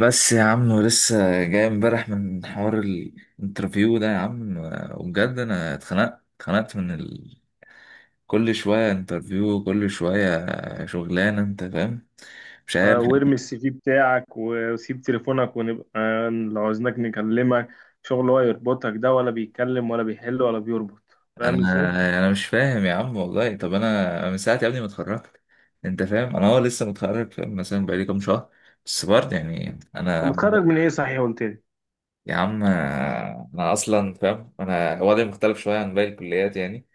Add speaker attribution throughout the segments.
Speaker 1: بس يا عم ولسه جاي امبارح من حوار الانترفيو ده يا عم. وبجد انا اتخنقت كل شوية انترفيو كل شوية، شغلانة انت فاهم. مش عارف.
Speaker 2: وارمي السي في بتاعك وسيب تليفونك ونبقى، لو عاوزناك نكلمك. شغل هو يربطك ده ولا بيتكلم ولا بيحل ولا بيربط؟ فاهم
Speaker 1: انا
Speaker 2: ازاي؟
Speaker 1: انا مش فاهم يا عم والله. طب انا من ساعة يا ابني ما اتخرجت انت فاهم. انا هو لسه متخرج فاهم، مثلا بقالي كام شهر بس برضه يعني
Speaker 2: طب
Speaker 1: انا.
Speaker 2: متخرج من ايه صحيح قلت لي؟
Speaker 1: يا عم انا اصلا فاهم انا وضعي مختلف شوية عن باقي الكليات يعني.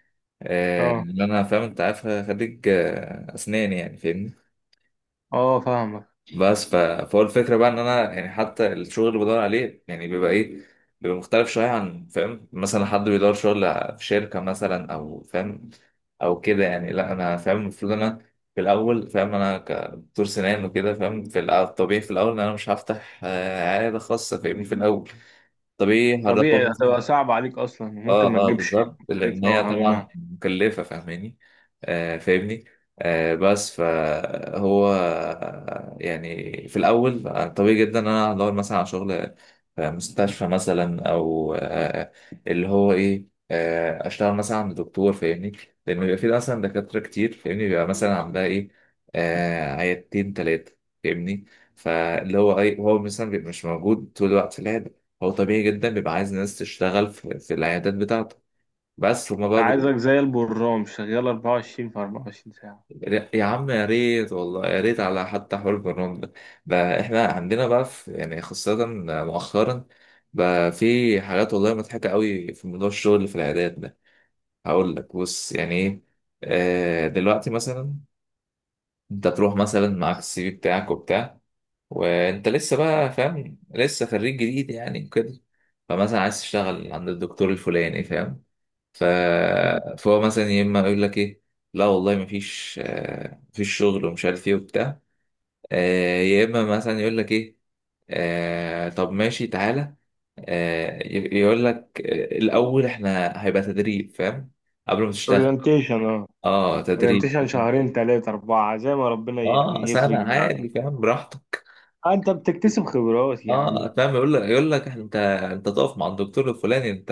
Speaker 2: اه
Speaker 1: ان انا فاهم انت عارف خريج اسنان يعني فاهمني.
Speaker 2: اه، فاهمك.
Speaker 1: بس فهو الفكره بقى ان انا يعني حتى الشغل اللي بدور عليه يعني بيبقى ايه، بيبقى مختلف شويه عن فاهم، مثلا حد بيدور شغل في شركه مثلا او فاهم او كده يعني. لا انا فاهم المفروض انا في الاول فاهم انا كدكتور سنان وكده فاهم في الطبيعي في الاول ان انا مش هفتح عياده خاصه فاهمني في الاول طبيعي هروح.
Speaker 2: طبيعي هتبقى صعب عليك اصلا، ممكن ما
Speaker 1: اه اه
Speaker 2: تجيبش
Speaker 1: بالظبط لان
Speaker 2: مصاريفها
Speaker 1: هي
Speaker 2: وهمها.
Speaker 1: طبعا مكلفه فاهماني. آه فاهمني. آه بس فهو يعني في الاول طبيعي جدا ان انا هدور مثلا على شغل في مستشفى مثلا او آه اللي هو ايه، آه اشتغل مثلا عند دكتور فاهمني. لان بيبقى في مثلا دكاتره كتير فاهمني بيبقى مثلا عندها ايه، آه عيادتين ثلاثه فاهمني. فاللي هو ايه هو مثلا بيبقى مش موجود طول الوقت لا، هو طبيعي جدا بيبقى عايز ناس تشتغل في العيادات بتاعته. بس هما بقى بي...
Speaker 2: عايزك زي البرام شغال 24 في 24 ساعة.
Speaker 1: يا عم يا ريت والله يا ريت على حتى حوار البرنامج ده بقى. احنا عندنا بقى في يعني خاصة مؤخرا بقى في حاجات والله مضحكة قوي في موضوع الشغل اللي في العيادات ده. هقول لك بص يعني ايه. دلوقتي مثلا انت تروح مثلا معاك السي في بتاعك وبتاع، وانت لسه بقى فاهم لسه خريج جديد يعني كده. فمثلا عايز تشتغل عند الدكتور الفلاني فاهم. ف... فهو مثلا يا اما يقول لك ايه، لا والله مفيش مفيش شغل ومش عارف ايه وبتاع. يا اما مثلا يقول لك ايه، طب ماشي تعالى. يقول لك الاول احنا هيبقى تدريب فاهم قبل ما تشتغل.
Speaker 2: اورينتيشن اه
Speaker 1: اه تدريب.
Speaker 2: اورينتيشن شهرين ثلاثة أربعة زي ما ربنا
Speaker 1: اه
Speaker 2: يعني
Speaker 1: سنة
Speaker 2: يفرق من عندك.
Speaker 1: عادي فاهم براحتك.
Speaker 2: انت بتكتسب خبرات يا عم.
Speaker 1: اه فاهم يقول لك انت انت تقف مع الدكتور الفلاني انت،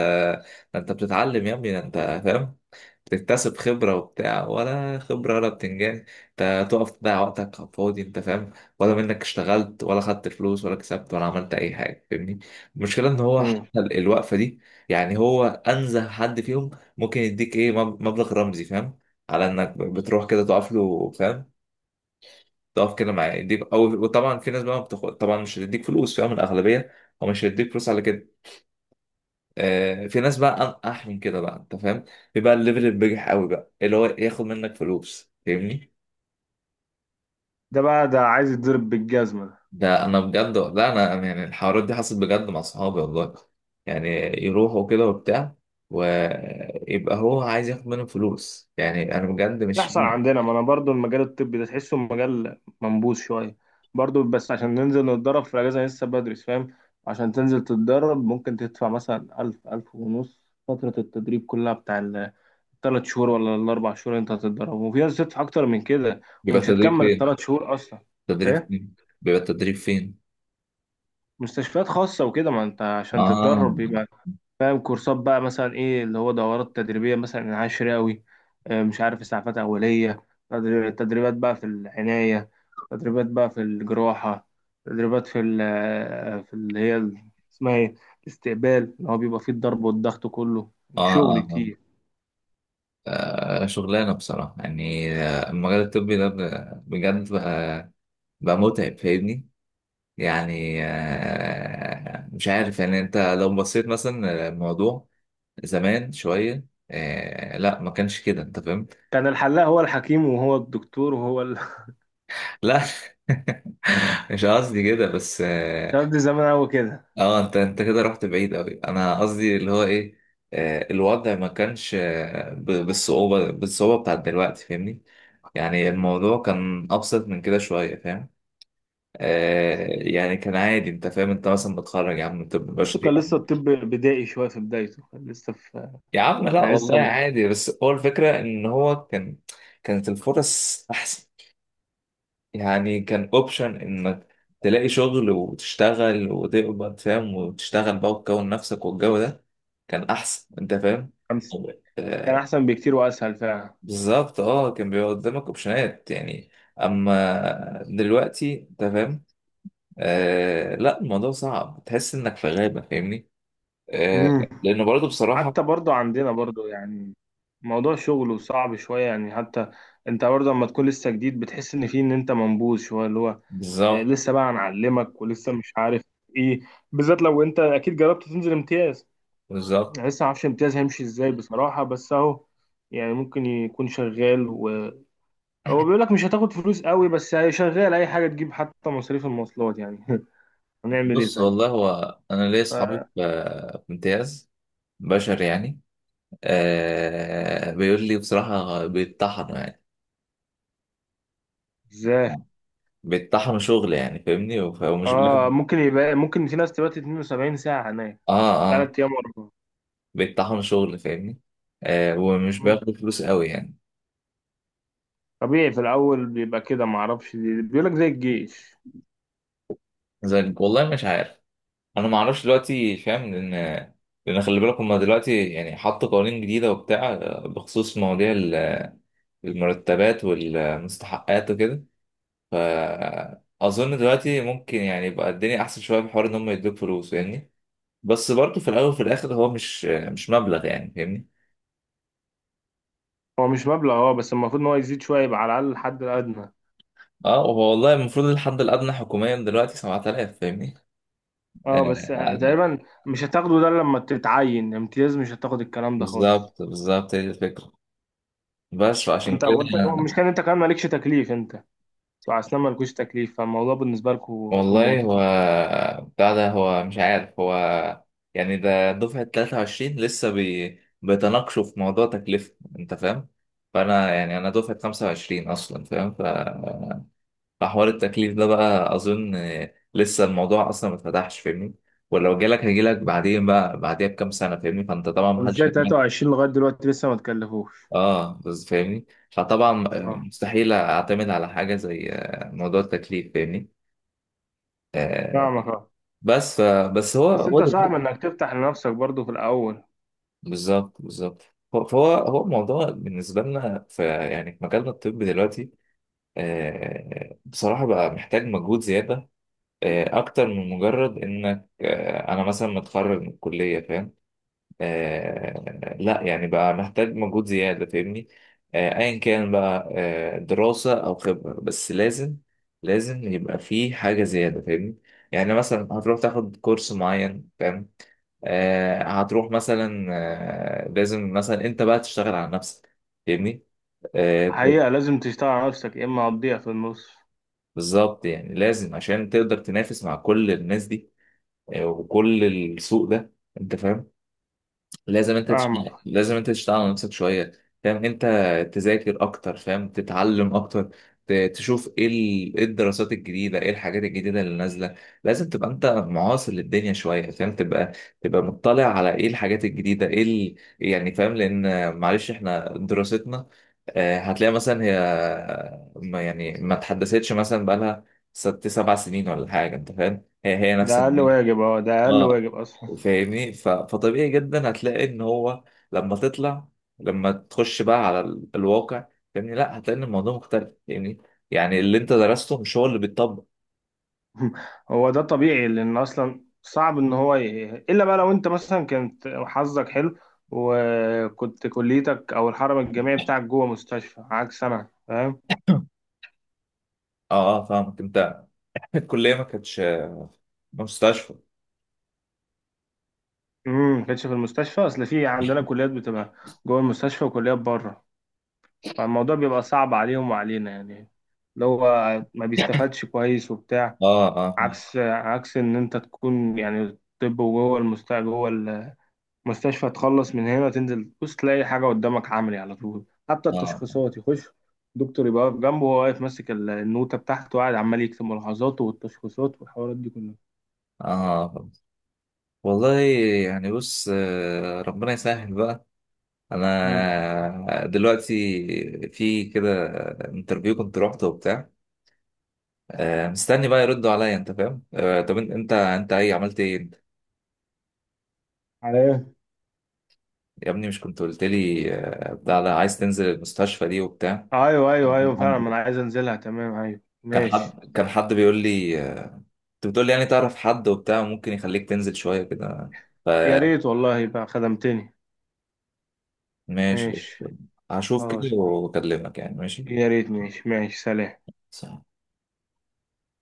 Speaker 1: انت بتتعلم يا ابني انت فاهم، بتكتسب خبره وبتاع ولا خبره ولا بتنجان. انت تقف تضيع وقتك على الفاضي انت فاهم، ولا منك اشتغلت ولا خدت فلوس ولا كسبت ولا عملت اي حاجه فاهمني. المشكله ان هو
Speaker 2: مم.
Speaker 1: حتى الوقفه دي يعني هو انزه حد فيهم ممكن يديك ايه مبلغ رمزي فاهم، على انك بتروح كده تقف له فاهم، تقف كده معاه يديك او، وطبعا في ناس بقى ما بتاخد طبعا مش هتديك فلوس فاهم، الاغلبيه هو مش هيديك فلوس على كده. آه في ناس بقى انقح من كده بقى انت فاهم، بيبقى الليفل البجح قوي بقى اللي هو ياخد منك فلوس فاهمني.
Speaker 2: ده بقى، ده عايز يتضرب بالجزمة.
Speaker 1: ده انا بجد لا انا يعني الحوارات دي حصلت بجد مع صحابي والله يعني، يروحوا كده وبتاع ويبقى هو عايز ياخد منهم فلوس يعني انا بجد
Speaker 2: ده
Speaker 1: مش
Speaker 2: يحصل
Speaker 1: فاهم.
Speaker 2: عندنا، ما انا برضو المجال الطبي ده تحسه مجال منبوذ شوية برضو، بس عشان ننزل نتدرب في الأجازة لسه بدري فاهم. عشان تنزل تتدرب ممكن تدفع مثلا ألف، ألف ونص. فترة التدريب كلها بتاع التلات شهور ولا الأربع شهور اللي أنت هتتدرب، وفي ناس تدفع أكتر من كده.
Speaker 1: بيبقى
Speaker 2: ومش
Speaker 1: التدريب
Speaker 2: هتكمل
Speaker 1: فين؟
Speaker 2: التلات شهور أصلا.
Speaker 1: التدريب
Speaker 2: إيه؟
Speaker 1: فين؟ بيبقى التدريب فين؟
Speaker 2: مستشفيات خاصة وكده، ما أنت عشان
Speaker 1: اه
Speaker 2: تتدرب فاهم. كورسات بقى مثلا ايه، اللي هو دورات تدريبيه، مثلا عشراوي، مش عارف، اسعافات اوليه، تدريبات بقى في العنايه، تدريبات بقى في الجراحه، تدريبات في في اللي هي اسمها ايه، الاستقبال، اللي هو بيبقى فيه الضرب والضغط كله، يعني
Speaker 1: اه
Speaker 2: شغل
Speaker 1: اه.
Speaker 2: كتير.
Speaker 1: شغلانة بصراحة يعني المجال الطبي ده بجد بقى، بقى متعب فاهمني. يعني مش عارف يعني انت لو بصيت مثلا الموضوع زمان شوية لا ما كانش كده انت فاهم.
Speaker 2: كان الحلاق هو الحكيم وهو الدكتور وهو ال...
Speaker 1: لا مش قصدي كده بس اه.
Speaker 2: الكلام ده زمان قوي كده.
Speaker 1: انت انت كده رحت بعيد قوي انا قصدي اللي هو ايه. الوضع ما كانش بالصعوبة بتاعت دلوقتي فاهمني. يعني الموضوع كان أبسط من كده شوية فاهم. آه يعني كان عادي انت فاهم، انت مثلا متخرج يا عم من طب
Speaker 2: بس
Speaker 1: بشري
Speaker 2: كان
Speaker 1: أو-
Speaker 2: لسه الطب بدائي شويه في بدايته، كان لسه في،
Speaker 1: يا عم لا
Speaker 2: يعني
Speaker 1: والله
Speaker 2: لسه،
Speaker 1: عادي. بس هو الفكرة ان هو كان، كانت الفرص احسن. يعني كان اوبشن انك تلاقي شغل وتشتغل وتقبض فاهم وتشتغل بقى وتكون نفسك والجو ده كان احسن انت فاهم.
Speaker 2: خمس. كان
Speaker 1: آه
Speaker 2: احسن بكتير واسهل فعلا.
Speaker 1: بالظبط اه كان بيبقى قدامك اوبشنات يعني. اما دلوقتي انت فاهم، آه لا الموضوع صعب تحس انك في غابة فاهمني. آه،
Speaker 2: مم.
Speaker 1: لأنه برضه بصراحة،
Speaker 2: حتى برضو عندنا برضو يعني موضوع شغله صعب شوية يعني، حتى انت برضو لما تكون لسه جديد بتحس ان فيه، ان انت منبوذ شوية، اللي هو
Speaker 1: بالظبط
Speaker 2: لسه بقى هنعلمك، ولسه مش عارف ايه. بالذات لو انت اكيد جربت تنزل امتياز. يعني
Speaker 1: بالظبط.
Speaker 2: لسه معرفش امتياز هيمشي ازاي بصراحة، بس اهو. يعني ممكن يكون شغال، وهو بيقول لك مش هتاخد فلوس قوي، بس هي شغال، اي حاجة تجيب حتى مصاريف المواصلات يعني. هنعمل ايه
Speaker 1: بص
Speaker 2: طيب.
Speaker 1: والله هو انا ليا اصحابي في امتياز بشر يعني. آه بيقول لي بصراحه بيتطحنوا يعني.
Speaker 2: ازاي؟
Speaker 1: بيتطحنوا شغل يعني فاهمني وف- ومش
Speaker 2: اه،
Speaker 1: بياخدوا.
Speaker 2: ممكن في ناس تبات 72 ساعة هناك،
Speaker 1: اه اه.
Speaker 2: 3 ايام ورا.
Speaker 1: بيتطحنوا شغل فاهمني. آه ومش
Speaker 2: مم.
Speaker 1: بياخدوا فلوس قوي يعني.
Speaker 2: طبيعي في الاول بيبقى كده، معرفش دي، بيقول لك زي الجيش.
Speaker 1: زي والله مش عارف. انا ما اعرفش دلوقتي فاهم لان خلي بالك هما دلوقتي يعني حطوا قوانين جديده وبتاع بخصوص مواضيع المرتبات والمستحقات وكده. فأظن دلوقتي ممكن يعني يبقى الدنيا أحسن شوية في حوار إن هم يدوك فلوس فاهمني. بس برضه في الأول وفي الآخر هو مش مبلغ يعني فاهمني.
Speaker 2: هو مش مبلغ، اه، بس المفروض ان هو يزيد شويه، يبقى على الاقل الحد الادنى.
Speaker 1: اه هو والله المفروض الحد الأدنى حكوميا دلوقتي 7000 فاهمني.
Speaker 2: اه بس
Speaker 1: آه يعني.
Speaker 2: تقريبا. مش هتاخده ده، لما تتعين امتياز مش هتاخد الكلام ده خالص.
Speaker 1: بالظبط بالظبط هي دي الفكرة بس فعشان
Speaker 2: انت
Speaker 1: كده.
Speaker 2: مش كان انت كمان مالكش تكليف؟ انت بتوع اسنان مالكوش تكليف، فالموضوع بالنسبه لكم
Speaker 1: والله هو
Speaker 2: كومبليكيتد.
Speaker 1: بتاع ده هو مش عارف هو يعني ده دفعة 23 بيتناقشوا في موضوع تكلفة انت فاهم. فانا يعني انا دفعة 25 اصلا فاهم. فحوار التكليف ده بقى اظن لسه الموضوع اصلا ما اتفتحش فاهمني. ولو جالك هيجيلك بعدين بقى بعديها بكام سنة فاهمني. فانت طبعا
Speaker 2: طب
Speaker 1: ما حدش
Speaker 2: ازاي
Speaker 1: هيجيلك.
Speaker 2: 23 لغايه دلوقتي لسه ما تكلفوش؟
Speaker 1: اه بس فاهمني. فطبعا
Speaker 2: اه
Speaker 1: مستحيل اعتمد على حاجة زي موضوع التكليف فاهمني. آه،
Speaker 2: فاهمك اه.
Speaker 1: بس بس هو
Speaker 2: بس
Speaker 1: هو
Speaker 2: انت
Speaker 1: ده
Speaker 2: صعب انك تفتح لنفسك برضو في الاول.
Speaker 1: بالظبط بالظبط. هو الموضوع بالنسبة لنا في يعني في مجالنا الطبي دلوقتي، بصراحة بقى محتاج مجهود زيادة، أكتر من مجرد إنك أنا مثلا متخرج من الكلية فاهم. لا يعني بقى محتاج مجهود زيادة فاهمني. أيا كان بقى دراسة أو خبرة بس لازم، لازم يبقى فيه حاجة زيادة فاهمني. يعني مثلا هتروح تاخد كورس معين فاهم، هتروح مثلا لازم مثلا انت بقى تشتغل على نفسك فاهمني. آه،
Speaker 2: حقيقه لازم تشتغل على نفسك، يا اما هتضيع في النص.
Speaker 1: بالظبط يعني لازم عشان تقدر تنافس مع كل الناس دي وكل السوق ده انت فاهم. لازم انت
Speaker 2: فاهمك.
Speaker 1: تشتغل لازم انت تشتغل على نفسك شويه فاهم، انت تذاكر اكتر فاهم تتعلم اكتر تشوف ايه ايه الدراسات الجديده ايه الحاجات الجديده اللي نازله. لازم تبقى انت معاصر للدنيا شويه فاهم، تبقى مطلع على ايه الحاجات الجديده ايه يعني فاهم. لان معلش احنا دراستنا هتلاقي مثلا هي ما يعني ما اتحدثتش مثلا بقالها 6 7 سنين ولا حاجه انت فاهم. هي
Speaker 2: ده
Speaker 1: نفس.
Speaker 2: اقل واجب، اه، ده اقل
Speaker 1: اه
Speaker 2: واجب اصلا.
Speaker 1: فاهمني فطبيعي جدا هتلاقي ان هو لما تطلع لما تخش بقى على الواقع فاهمني، لا هتلاقي ان الموضوع مختلف فاهمني. يعني اللي انت درسته مش هو اللي بيتطبق.
Speaker 2: هو ده طبيعي، لان اصلا صعب ان هو ي... الا بقى لو انت مثلا كانت حظك حلو، وكنت كليتك او الحرم الجامعي بتاعك جوه مستشفى، عكس انا فاهم.
Speaker 1: اه اه فاهمك انت. الكليه ما كانتش مستشفى.
Speaker 2: ما كانتش في المستشفى. اصل في عندنا كليات بتبقى جوه المستشفى وكليات بره، فالموضوع بيبقى صعب عليهم وعلينا يعني، اللي هو ما بيستفادش كويس وبتاع.
Speaker 1: اه اه فاهم.
Speaker 2: عكس ان انت تكون يعني طب وجوه المستشفى، جوه مستشفى، تخلص من هنا تنزل تبص تلاقي حاجة قدامك عملي على طول. حتى
Speaker 1: اه
Speaker 2: التشخيصات يخش دكتور يبقى واقف جنبه، وهو واقف ماسك النوتة بتاعته وقاعد عمال يكتب ملاحظاته والتشخيصات والحوارات دي كلها.
Speaker 1: اه فاهم. والله يعني بص ربنا يسهل بقى.
Speaker 2: مم.
Speaker 1: انا دلوقتي في كده انترفيو كنت روحته وبتاع مستني بقى يردوا عليا انت فاهم. طب انت ايه عملت ايه انت؟
Speaker 2: على ايه؟
Speaker 1: يا ابني مش كنت قلت لي بتاع ده عايز تنزل المستشفى دي وبتاع؟
Speaker 2: أيوه أيوه أيوه، فعلا ما أنا عايز أنزلها، تمام، أيوه
Speaker 1: كان
Speaker 2: ماشي.
Speaker 1: حد كان حد بيقول لي انت بتقول لي يعني تعرف حد وبتاع ممكن يخليك تنزل شويه كده.
Speaker 2: يا ريت والله، يبقى خدمتني.
Speaker 1: فماشي
Speaker 2: ماشي.
Speaker 1: هشوف
Speaker 2: خلاص.
Speaker 1: كده واكلمك يعني ماشي.
Speaker 2: يا ريت، ماشي ماشي، سلام.
Speaker 1: صح.